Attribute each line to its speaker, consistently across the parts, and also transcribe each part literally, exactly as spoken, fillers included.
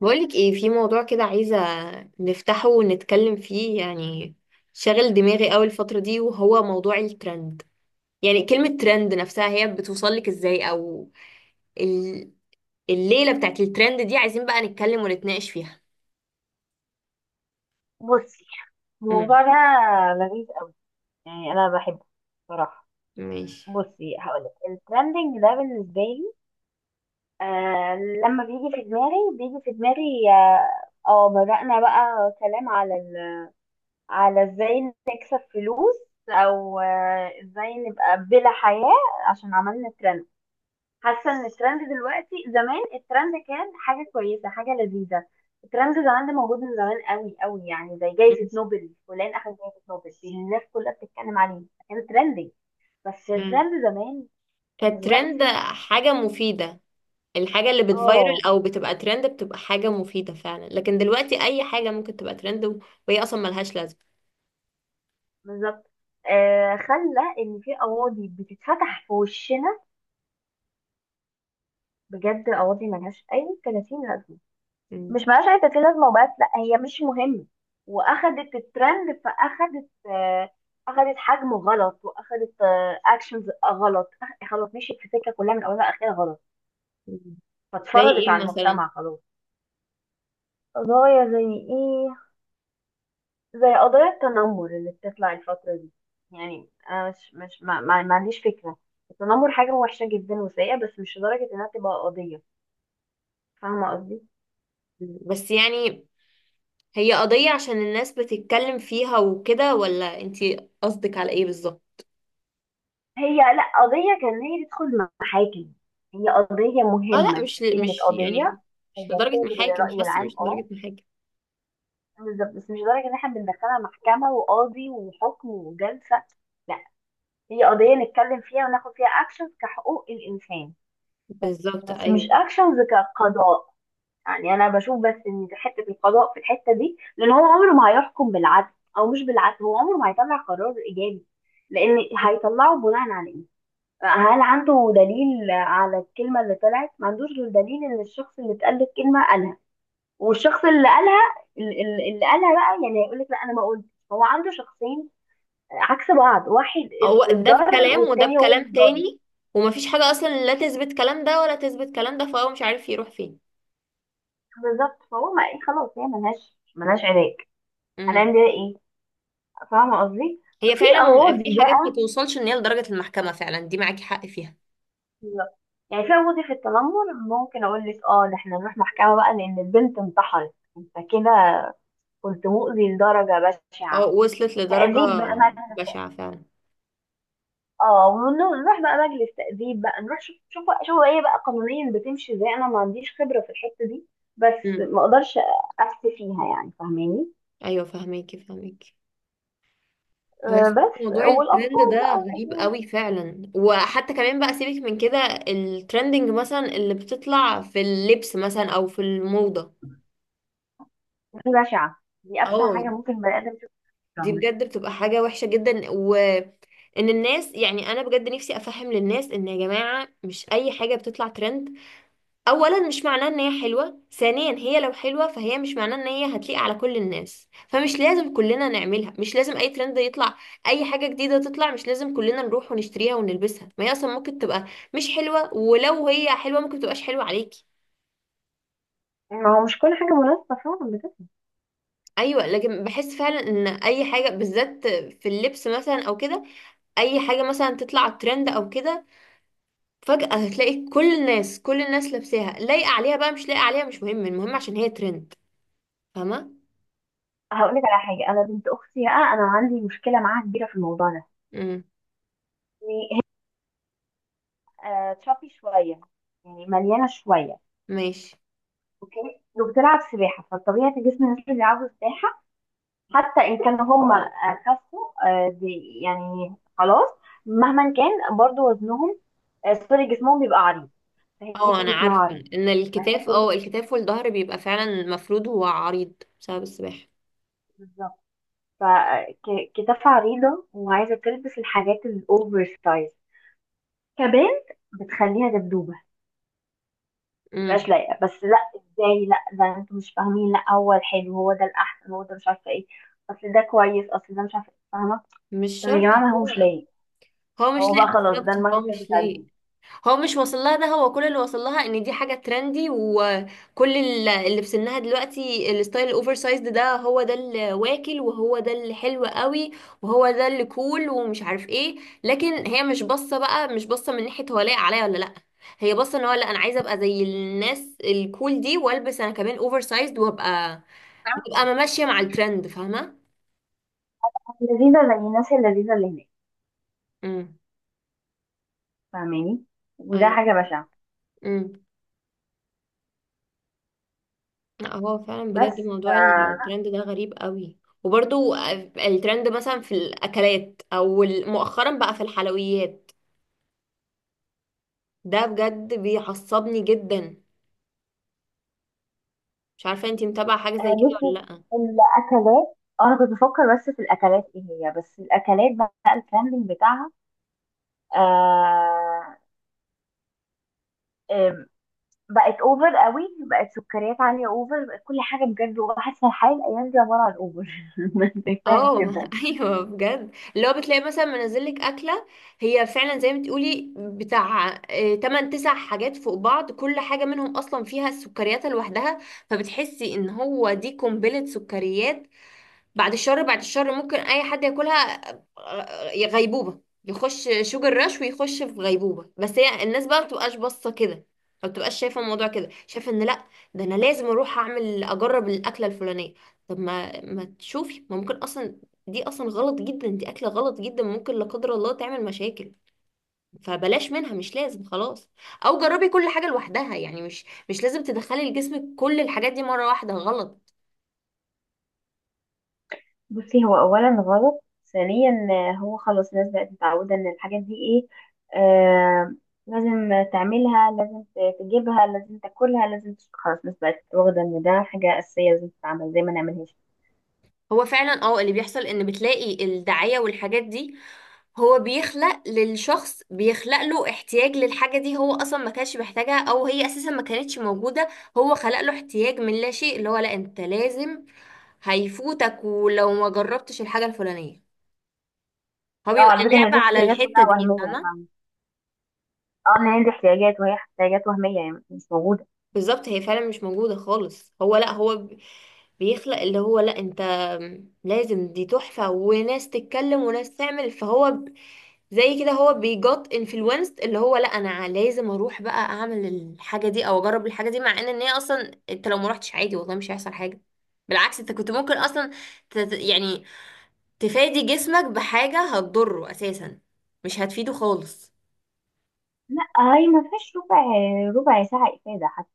Speaker 1: بقولك ايه في موضوع كده عايزة نفتحه ونتكلم فيه يعني شاغل دماغي قوي الفترة دي، وهو موضوع الترند. يعني كلمة ترند نفسها هي بتوصلك ازاي، او ال... الليلة بتاعت الترند دي عايزين بقى نتكلم ونتناقش فيها.
Speaker 2: بصي،
Speaker 1: امم
Speaker 2: الموضوع ده لذيذ قوي. يعني انا بحبه بصراحه.
Speaker 1: ماشي.
Speaker 2: بصي، هقولك الترندنج ده بالنسبه لي، آه لما بيجي في دماغي بيجي في دماغي اه آه، بدأنا بقى كلام على ال... على ازاي نكسب فلوس، او آه، ازاي نبقى بلا حياه عشان عملنا ترند. حاسه ان الترند دلوقتي، زمان الترند كان حاجه كويسه، حاجه لذيذه. الترند زمان ده موجود من زمان قوي قوي، يعني زي جائزه نوبل، فلان اخذ جائزه نوبل دي الناس كلها بتتكلم عليه، كان ترندي. بس
Speaker 1: امم
Speaker 2: الترند زمان
Speaker 1: فالترند
Speaker 2: ودلوقتي،
Speaker 1: حاجة مفيدة. الحاجة اللي بتفايرل
Speaker 2: اه،
Speaker 1: او بتبقى ترند بتبقى حاجة مفيدة فعلا، لكن دلوقتي اي حاجة ممكن تبقى ترند وهي اصلا ملهاش لازمة.
Speaker 2: بالظبط. آه، خلى ان في قواضي بتتفتح في وشنا، بجد قواضي ملهاش اي ثلاثين لازمه.
Speaker 1: مم.
Speaker 2: مش ملهاش اي ثلاثين لازمه وبس، لا هي مش مهمه، واخدت الترند، فاخدت آه، اخدت حجم غلط، واخدت اكشنز غلط. أخ- خلاص مشيت في سكه كلها من اولها لاخرها غلط،
Speaker 1: مم. زي
Speaker 2: فاتفرضت
Speaker 1: ايه
Speaker 2: على
Speaker 1: مثلا؟
Speaker 2: المجتمع خلاص. قضايا زي ايه؟ زي قضايا التنمر اللي بتطلع الفتره دي. يعني انا مش مش ما, ما, ما عنديش فكره، التنمر حاجه وحشه جدا وسيئه، بس مش لدرجه انها تبقى قضيه. فاهمه قصدي؟
Speaker 1: مم. بس يعني هي قضية عشان الناس بتتكلم فيها وكده، ولا انتي قصدك على ايه بالظبط؟
Speaker 2: هي لا قضية كان هي تدخل محاكم، هي قضية
Speaker 1: اه لا،
Speaker 2: مهمة
Speaker 1: مش ل-
Speaker 2: ككلمة
Speaker 1: مش
Speaker 2: قضية.
Speaker 1: يعني مش
Speaker 2: هي
Speaker 1: لدرجة
Speaker 2: بتنظر
Speaker 1: محاكم، مش
Speaker 2: للرأي
Speaker 1: حاسة
Speaker 2: العام،
Speaker 1: مش
Speaker 2: اه
Speaker 1: لدرجة محاكم.
Speaker 2: بالظبط، بس مش لدرجة ان احنا بندخلها محكمة وقاضي وحكم وجلسة. لا، هي قضية نتكلم فيها وناخد فيها اكشن كحقوق الانسان،
Speaker 1: بالظبط،
Speaker 2: بس مش
Speaker 1: ايوه.
Speaker 2: اكشنز كقضاء. يعني انا بشوف بس ان في حته القضاء في الحته دي، لان هو عمره ما هيحكم بالعدل، او مش بالعدل، هو عمره ما هيطلع قرار ايجابي، لان هيطلعه بناء على ايه؟ هل عنده دليل على الكلمة اللي طلعت؟ ما عندوش غير دليل ان الشخص اللي اتقال له الكلمة قالها، والشخص اللي قالها، ال- ال- اللي قالها بقى يعني هيقول لك لا انا ما قلت. هو عنده شخصين عكس بعض، واحد
Speaker 1: هو ده
Speaker 2: اتضرر
Speaker 1: بكلام وده
Speaker 2: والتاني هو اللي
Speaker 1: بكلام
Speaker 2: اتضرر.
Speaker 1: تاني. ومفيش حاجة اصلا لا تثبت كلام ده ولا تثبت كلام ده، فهو مش عارف يروح فين.
Speaker 2: بالظبط، فهو ما ايه، خلاص هي ملهاش ملهاش علاج،
Speaker 1: امم
Speaker 2: هنعمل بيها ايه؟ فاهمة قصدي؟
Speaker 1: هي
Speaker 2: في
Speaker 1: فعلا
Speaker 2: قواضي
Speaker 1: في
Speaker 2: بقى،
Speaker 1: حاجات ما توصلش ان هي لدرجة المحكمة، فعلا دي معاكي حق فيها.
Speaker 2: يعني في قواضي في التنمر، ممكن اقول لك اه ده احنا نروح محكمة بقى، لان البنت انتحرت، انت كده كنت مؤذي لدرجة
Speaker 1: اه
Speaker 2: بشعة،
Speaker 1: وصلت لدرجة
Speaker 2: تأديب بقى مجلس.
Speaker 1: بشعة فعلا.
Speaker 2: اه، ونروح بقى مجلس تأديب بقى نروح شوف شوف شوف ايه بقى قانونيا بتمشي ازاي، انا ما عنديش خبرة في الحتة دي، بس
Speaker 1: امم
Speaker 2: ما اقدرش افتي فيها يعني، فاهماني؟
Speaker 1: ايوه، فهميكي فهميكي.
Speaker 2: آه،
Speaker 1: بس
Speaker 2: بس
Speaker 1: موضوع الترند
Speaker 2: والاطفال
Speaker 1: ده
Speaker 2: بقى
Speaker 1: غريب
Speaker 2: والاجيال.
Speaker 1: قوي فعلا، وحتى كمان بقى سيبك من كده. الترندنج مثلا اللي بتطلع في اللبس مثلا او في الموضة،
Speaker 2: بشعة، دي ابشع حاجة
Speaker 1: اه
Speaker 2: ممكن بني ادم يشوفها في
Speaker 1: دي
Speaker 2: عمره.
Speaker 1: بجد بتبقى حاجة وحشة جدا. وان الناس، يعني انا بجد نفسي افهم للناس ان يا جماعة مش اي حاجة بتطلع ترند اولا مش معناه ان هي حلوه، ثانيا هي لو حلوه فهي مش معناه ان هي هتليق على كل الناس، فمش لازم كلنا نعملها. مش لازم اي ترند يطلع، اي حاجه جديده تطلع مش لازم كلنا نروح ونشتريها ونلبسها. ما هي اصلا ممكن تبقى مش حلوه، ولو هي حلوه ممكن تبقاش حلوه عليكي.
Speaker 2: ما هو مش كل حاجة مناسبة، فعلا بجد.
Speaker 1: ايوه، لكن بحس فعلا ان اي حاجه بالذات في اللبس مثلا او كده، اي حاجه مثلا تطلع ترند او كده، فجاه هتلاقي كل الناس كل الناس لابساها، لايقه عليها بقى مش لايقه عليها مش مهم، المهم عشان هي ترند. فاهمه؟
Speaker 2: هقول لك على حاجة، انا بنت اختي بقى انا عندي مشكلة معاها كبيرة في الموضوع ده.
Speaker 1: امم
Speaker 2: يعني هي، آه تشابي شوية، يعني مليانة شوية،
Speaker 1: ماشي.
Speaker 2: اوكي، وبتلعب سباحة، فالطبيعي جسم الناس اللي بيلعبوا سباحة حتى ان كان هم آه، خسوا، آه، بي- يعني خلاص مهما كان برضو وزنهم، آه، سوري، جسمهم بيبقى عريض، فهي
Speaker 1: اه انا
Speaker 2: جسمها
Speaker 1: عارفة
Speaker 2: عريض
Speaker 1: ان الكتاف، اه
Speaker 2: ولكن-
Speaker 1: الكتاف والظهر بيبقى فعلا مفروض هو عريض بسبب السباحة.
Speaker 2: بالظبط، فكتافها عريضة وعايزة تلبس الحاجات الأوفر سايز، كبنت بتخليها دبدوبة متبقاش
Speaker 1: امم
Speaker 2: لايقة. بس لا ازاي، لا ده انتوا مش فاهمين، لا هو الحلو، هو ده الأحسن، هو ده مش عارفة ايه، أصل ده كويس، أصل ده مش عارفة ايه، فاهمة؟
Speaker 1: مش
Speaker 2: طب يا
Speaker 1: شرط
Speaker 2: جماعة، ما هو مش
Speaker 1: هو.
Speaker 2: لايق.
Speaker 1: هو مش
Speaker 2: هو بقى
Speaker 1: لايق
Speaker 2: خلاص ده
Speaker 1: بالظبط،
Speaker 2: المايند
Speaker 1: هو
Speaker 2: سيت
Speaker 1: مش
Speaker 2: بتاع
Speaker 1: لايق.
Speaker 2: البنت،
Speaker 1: هو مش واصل لها. ده هو كل اللي واصل لها ان دي حاجه ترندي، وكل ال- اللي في سنها دلوقتي الستايل الاوفر سايزد ده هو ده اللي واكل، وهو ده اللي حلو قوي، وهو ده اللي كول ومش عارف ايه. لكن هي مش باصه بقى، مش باصه من ناحيه هو لايق عليا ولا لا. هي باصه ان هو لا انا عايزه ابقى زي الناس الكول دي، والبس انا كمان اوفر سايزد، وابقى وابقى ما ماشيه مع الترند. فاهمه؟
Speaker 2: لذيذة للناس اللذيذة اللي هناك.
Speaker 1: امم
Speaker 2: فاهماني؟ وده
Speaker 1: ايوه.
Speaker 2: حاجة بشعة.
Speaker 1: امم. لا، هو فعلا بجد
Speaker 2: بس ف-
Speaker 1: موضوع الترند ده غريب قوي. وبرضو الترند مثلا في الاكلات، او مؤخرا بقى في الحلويات، ده بجد بيعصبني جدا. مش عارفه انتي متابعه حاجه زي
Speaker 2: آه،
Speaker 1: كده ولا
Speaker 2: بصي
Speaker 1: لا؟
Speaker 2: الأكلات. أنا كنت بفكر بس في الأكلات إيه، هي بس الأكلات بقى الترندنج بتاعها. آه آم، بقت أوفر قوي، بقت سكريات عالية، أوفر، بقت كل حاجة بجد، وحاسة الحياة الأيام دي عبارة عن أوفر. شايفاها
Speaker 1: اه
Speaker 2: كده.
Speaker 1: ايوه بجد، اللي هو بتلاقي مثلا منزل لك اكله هي فعلا زي ما تقولي بتاع تمانية تسعة حاجات فوق بعض، كل حاجه منهم اصلا فيها السكريات لوحدها، فبتحسي ان هو دي قنبله سكريات. بعد الشر بعد الشر ممكن اي حد ياكلها، آه، غيبوبه. يخش شوجر رش ويخش في غيبوبه. بس هي الناس بقى ما بتبقاش باصه كده، ما بتبقاش شايفه الموضوع كده. شايفه ان لا، ده انا لازم اروح اعمل اجرب الاكله الفلانيه. طب ما ما تشوفي ما ممكن اصلا دي اصلا غلط جدا، دي اكله غلط جدا، ممكن لا قدر الله تعمل مشاكل. فبلاش منها مش لازم خلاص. او جربي كل حاجه لوحدها، يعني مش مش لازم تدخلي لجسمك كل الحاجات دي مره واحده غلط.
Speaker 2: بصي، هو اولا غلط، ثانيا آه، هو خلاص الناس بقت متعوده ان الحاجات دي ايه، آه، لازم تعملها، لازم ت- تجيبها، لازم تاكلها، لازم تش- خلاص الناس بقت واخده ان ده حاجه اساسيه لازم تتعمل زي ما نعملهاش.
Speaker 1: هو فعلا اه اللي بيحصل ان بتلاقي الدعاية والحاجات دي، هو بيخلق للشخص بيخلق له احتياج للحاجة دي. هو اصلا ما كانش محتاجها، او هي اساسا ما كانتش موجودة. هو خلق له احتياج من لا شيء، اللي هو لا انت لازم، هيفوتك ولو ما جربتش الحاجة الفلانية. هو
Speaker 2: اه
Speaker 1: بيبقى
Speaker 2: على فكره، هي
Speaker 1: لعبة
Speaker 2: دي
Speaker 1: على
Speaker 2: احتياجات
Speaker 1: الحتة
Speaker 2: كلها
Speaker 1: دي،
Speaker 2: وهميه،
Speaker 1: فاهمة؟
Speaker 2: فاهم؟ اه، ان هي دي احتياجات، وهي احتياجات وهميه يعني مش موجوده.
Speaker 1: بالظبط، هي فعلا مش موجودة خالص. هو لا هو ب- بيخلق اللي هو لا انت لازم دي تحفة، وناس تتكلم وناس تعمل. فهو ب- زي كده هو بيجوت انفلونسد اللي هو لا انا لازم اروح بقى اعمل الحاجة دي او اجرب الحاجة دي، مع ان ان هي اصلا انت لو ما رحتش عادي، والله مش هيحصل حاجة. بالعكس، انت كنت ممكن اصلا، تت يعني تفادي جسمك بحاجة هتضره اساسا، مش هتفيده خالص.
Speaker 2: لا هي ما فيهاش ربع، ربع ساعه افاده حتى،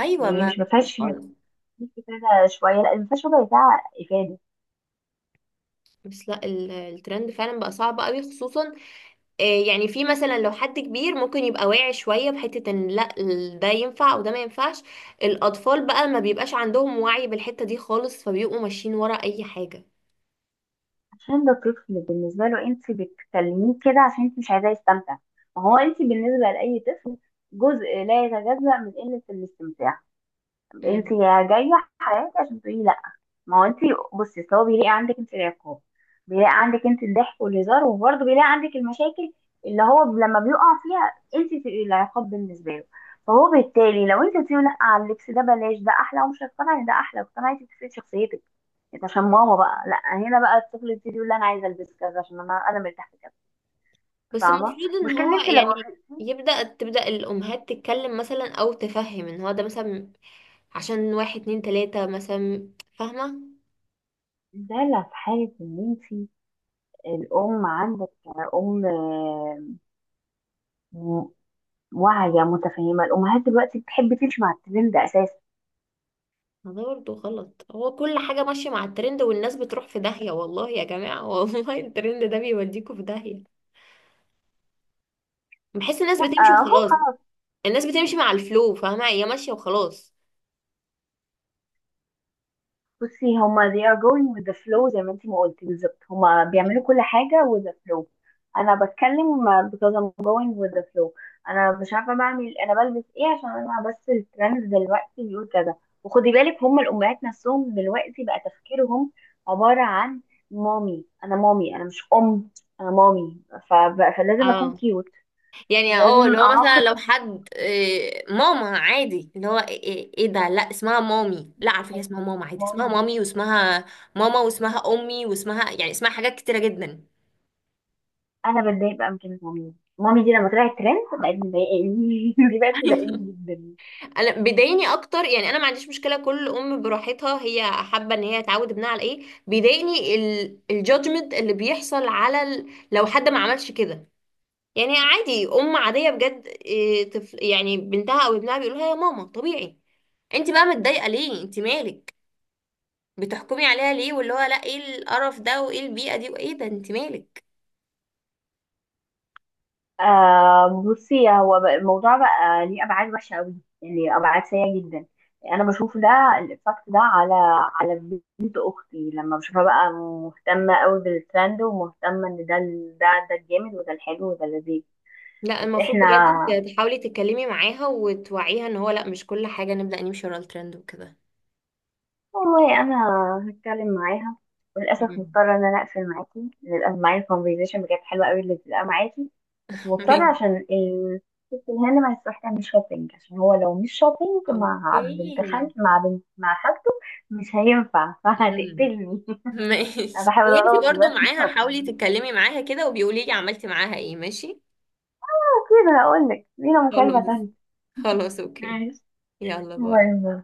Speaker 1: ايوه،
Speaker 2: يعني
Speaker 1: ما
Speaker 2: مش ما
Speaker 1: مش
Speaker 2: فيهاش، ما
Speaker 1: خالص.
Speaker 2: فيهاش افاده شويه، لا ما فيهاش ربع ساعه افاده.
Speaker 1: بس لا، ال- الترند فعلا بقى صعب قوي. خصوصا إيه يعني، في مثلا لو حد كبير ممكن يبقى واعي شوية بحتة ان لا ال- ده ينفع وده ما ينفعش. الأطفال بقى ما بيبقاش عندهم وعي بالحتة دي خالص، فبيبقوا ماشيين ورا أي حاجة.
Speaker 2: عشان ده طفل، بالنسبة له انت بتكلميه كده عشان انت مش عايزاه يستمتع. ما هو انت بالنسبة لأي طفل جزء لا يتجزأ من قلة الاستمتاع. انت
Speaker 1: مم.
Speaker 2: يا جاية عشان تقولي لا. ما هو انت، بصي اصل هو بيلاقي عندك انت العقاب، بيلاقي عندك انت الضحك والهزار، وبرضه بيلاقي عندك المشاكل اللي هو لما بيقع فيها، انت تبقي العقاب بالنسبه له. فهو بالتالي لو انت بتقولي لا على اللبس ده بلاش، ده احلى، ومش هتقتنعي ان ده احلى، اقتنعتي بتفرق شخصيتك انت، عشان ماما بقى لا، هنا بقى الطفل يبتدي يقول لا انا عايزه البس كذا عشان انا انا مرتاح في كذا.
Speaker 1: بس
Speaker 2: فاهمه
Speaker 1: المفروض ان
Speaker 2: المشكله؟ ان
Speaker 1: هو
Speaker 2: انت لو
Speaker 1: يعني
Speaker 2: وافقتي،
Speaker 1: يبدأ تبدأ الأمهات تتكلم مثلا، أو تفهم ان هو ده مثلا عشان واحد اتنين تلاتة مثلا. فاهمة؟
Speaker 2: ده لا في حالة إن أنت الأم عندك، أم واعية متفهمة. الأمهات دلوقتي بتحب تمشي مع الترند أساسا.
Speaker 1: ما ده برضه غلط. هو كل حاجة ماشية مع الترند، والناس بتروح في داهية. والله يا جماعة والله الترند ده بيوديكوا في داهية. بحس الناس
Speaker 2: لا
Speaker 1: بتمشي
Speaker 2: اهو
Speaker 1: وخلاص.
Speaker 2: خلاص.
Speaker 1: الناس بتمشي مع الفلو، فاهمة؟ هي ماشية وخلاص.
Speaker 2: بصي هما they are going with the flow، زي ما انتي ما قلتي بالظبط، هما بيعملوا كل حاجة with the flow. أنا بتكلم because I'm going with the flow. أنا مش عارفة بعمل، أنا بلبس إيه؟ عشان أنا بس الترند دلوقتي بيقول كذا. وخدي بالك هما الأمهات نفسهم دلوقتي بقى تفكيرهم عبارة عن، مامي، أنا مامي، أنا مش أم، أنا مامي، ف... فلازم أكون
Speaker 1: اه.
Speaker 2: كيوت،
Speaker 1: يعني اه، اللي
Speaker 2: لازم
Speaker 1: هو مثلا
Speaker 2: أعاقب،
Speaker 1: لو حد إيه، ماما عادي، اللي هو ايه إيه إيه ده لا اسمها مامي؟ لا على فكرة اسمها ماما عادي، اسمها
Speaker 2: مامي.
Speaker 1: مامي واسمها ماما واسمها امي واسمها، يعني اسمها حاجات كتيرة جدا.
Speaker 2: انا بتضايق بقى من كلمه مامي، مامي دي لما طلعت ترند بقت مضايقاني، دي بقت مضايقاني جدا.
Speaker 1: انا بيضايقني اكتر، يعني انا ما عنديش مشكلة، كل ام براحتها هي حابة ان هي تعود ابنها على ايه. بيضايقني الجادجمنت اللي بيحصل على ال... لو حد ما عملش كده. يعني عادي ام عاديه بجد، إيه، طفل يعني بنتها او ابنها بيقولوا لها يا ماما طبيعي، انت بقى متضايقه ليه؟ انت مالك؟ بتحكمي عليها ليه؟ واللي هو لا ايه القرف ده وايه البيئه دي وايه ده! انت مالك؟
Speaker 2: آه بصي، هو بقى- الموضوع بقى ليه ابعاد وحشه قوي، يعني ابعاد سيئه جدا. انا بشوف ده الايفكت ده على على بنت اختي لما بشوفها بقى مهتمه قوي بالترند، ومهتمه ان ده ال- ده ده الجامد، وده الحلو، وده اللذيذ.
Speaker 1: لا
Speaker 2: بس
Speaker 1: المفروض بجد
Speaker 2: احنا،
Speaker 1: ت- تحاولي تتكلمي معاها وتوعيها ان هو لا مش كل حاجه نبدا نمشي ورا الترند وكده.
Speaker 2: والله انا هتكلم معاها. للاسف
Speaker 1: مم.
Speaker 2: مضطره ان انا اقفل معاكي، للاسف، معايا الكونفرزيشن بجد حلوه قوي اللي بتبقى معاكي، بس مضطره عشان الست الهند ما هتروح تعمل شوبينج، عشان هو لو مش شوبينج مع بنت
Speaker 1: اوكي.
Speaker 2: خالتي، مع بنت مع خالته مش هينفع
Speaker 1: مم.
Speaker 2: فهتقتلني. انا
Speaker 1: ماشي،
Speaker 2: بحاول
Speaker 1: وانتي
Speaker 2: ارد
Speaker 1: برضو
Speaker 2: بس.
Speaker 1: معاها حاولي تتكلمي معاها كده، وبيقولي لي عملتي معاها ايه. ماشي،
Speaker 2: كده هقول لك لينا مكالمه
Speaker 1: خلاص.
Speaker 2: تانيه،
Speaker 1: خلاص اوكي.
Speaker 2: ماشي،
Speaker 1: يلا
Speaker 2: باي
Speaker 1: باي.
Speaker 2: باي.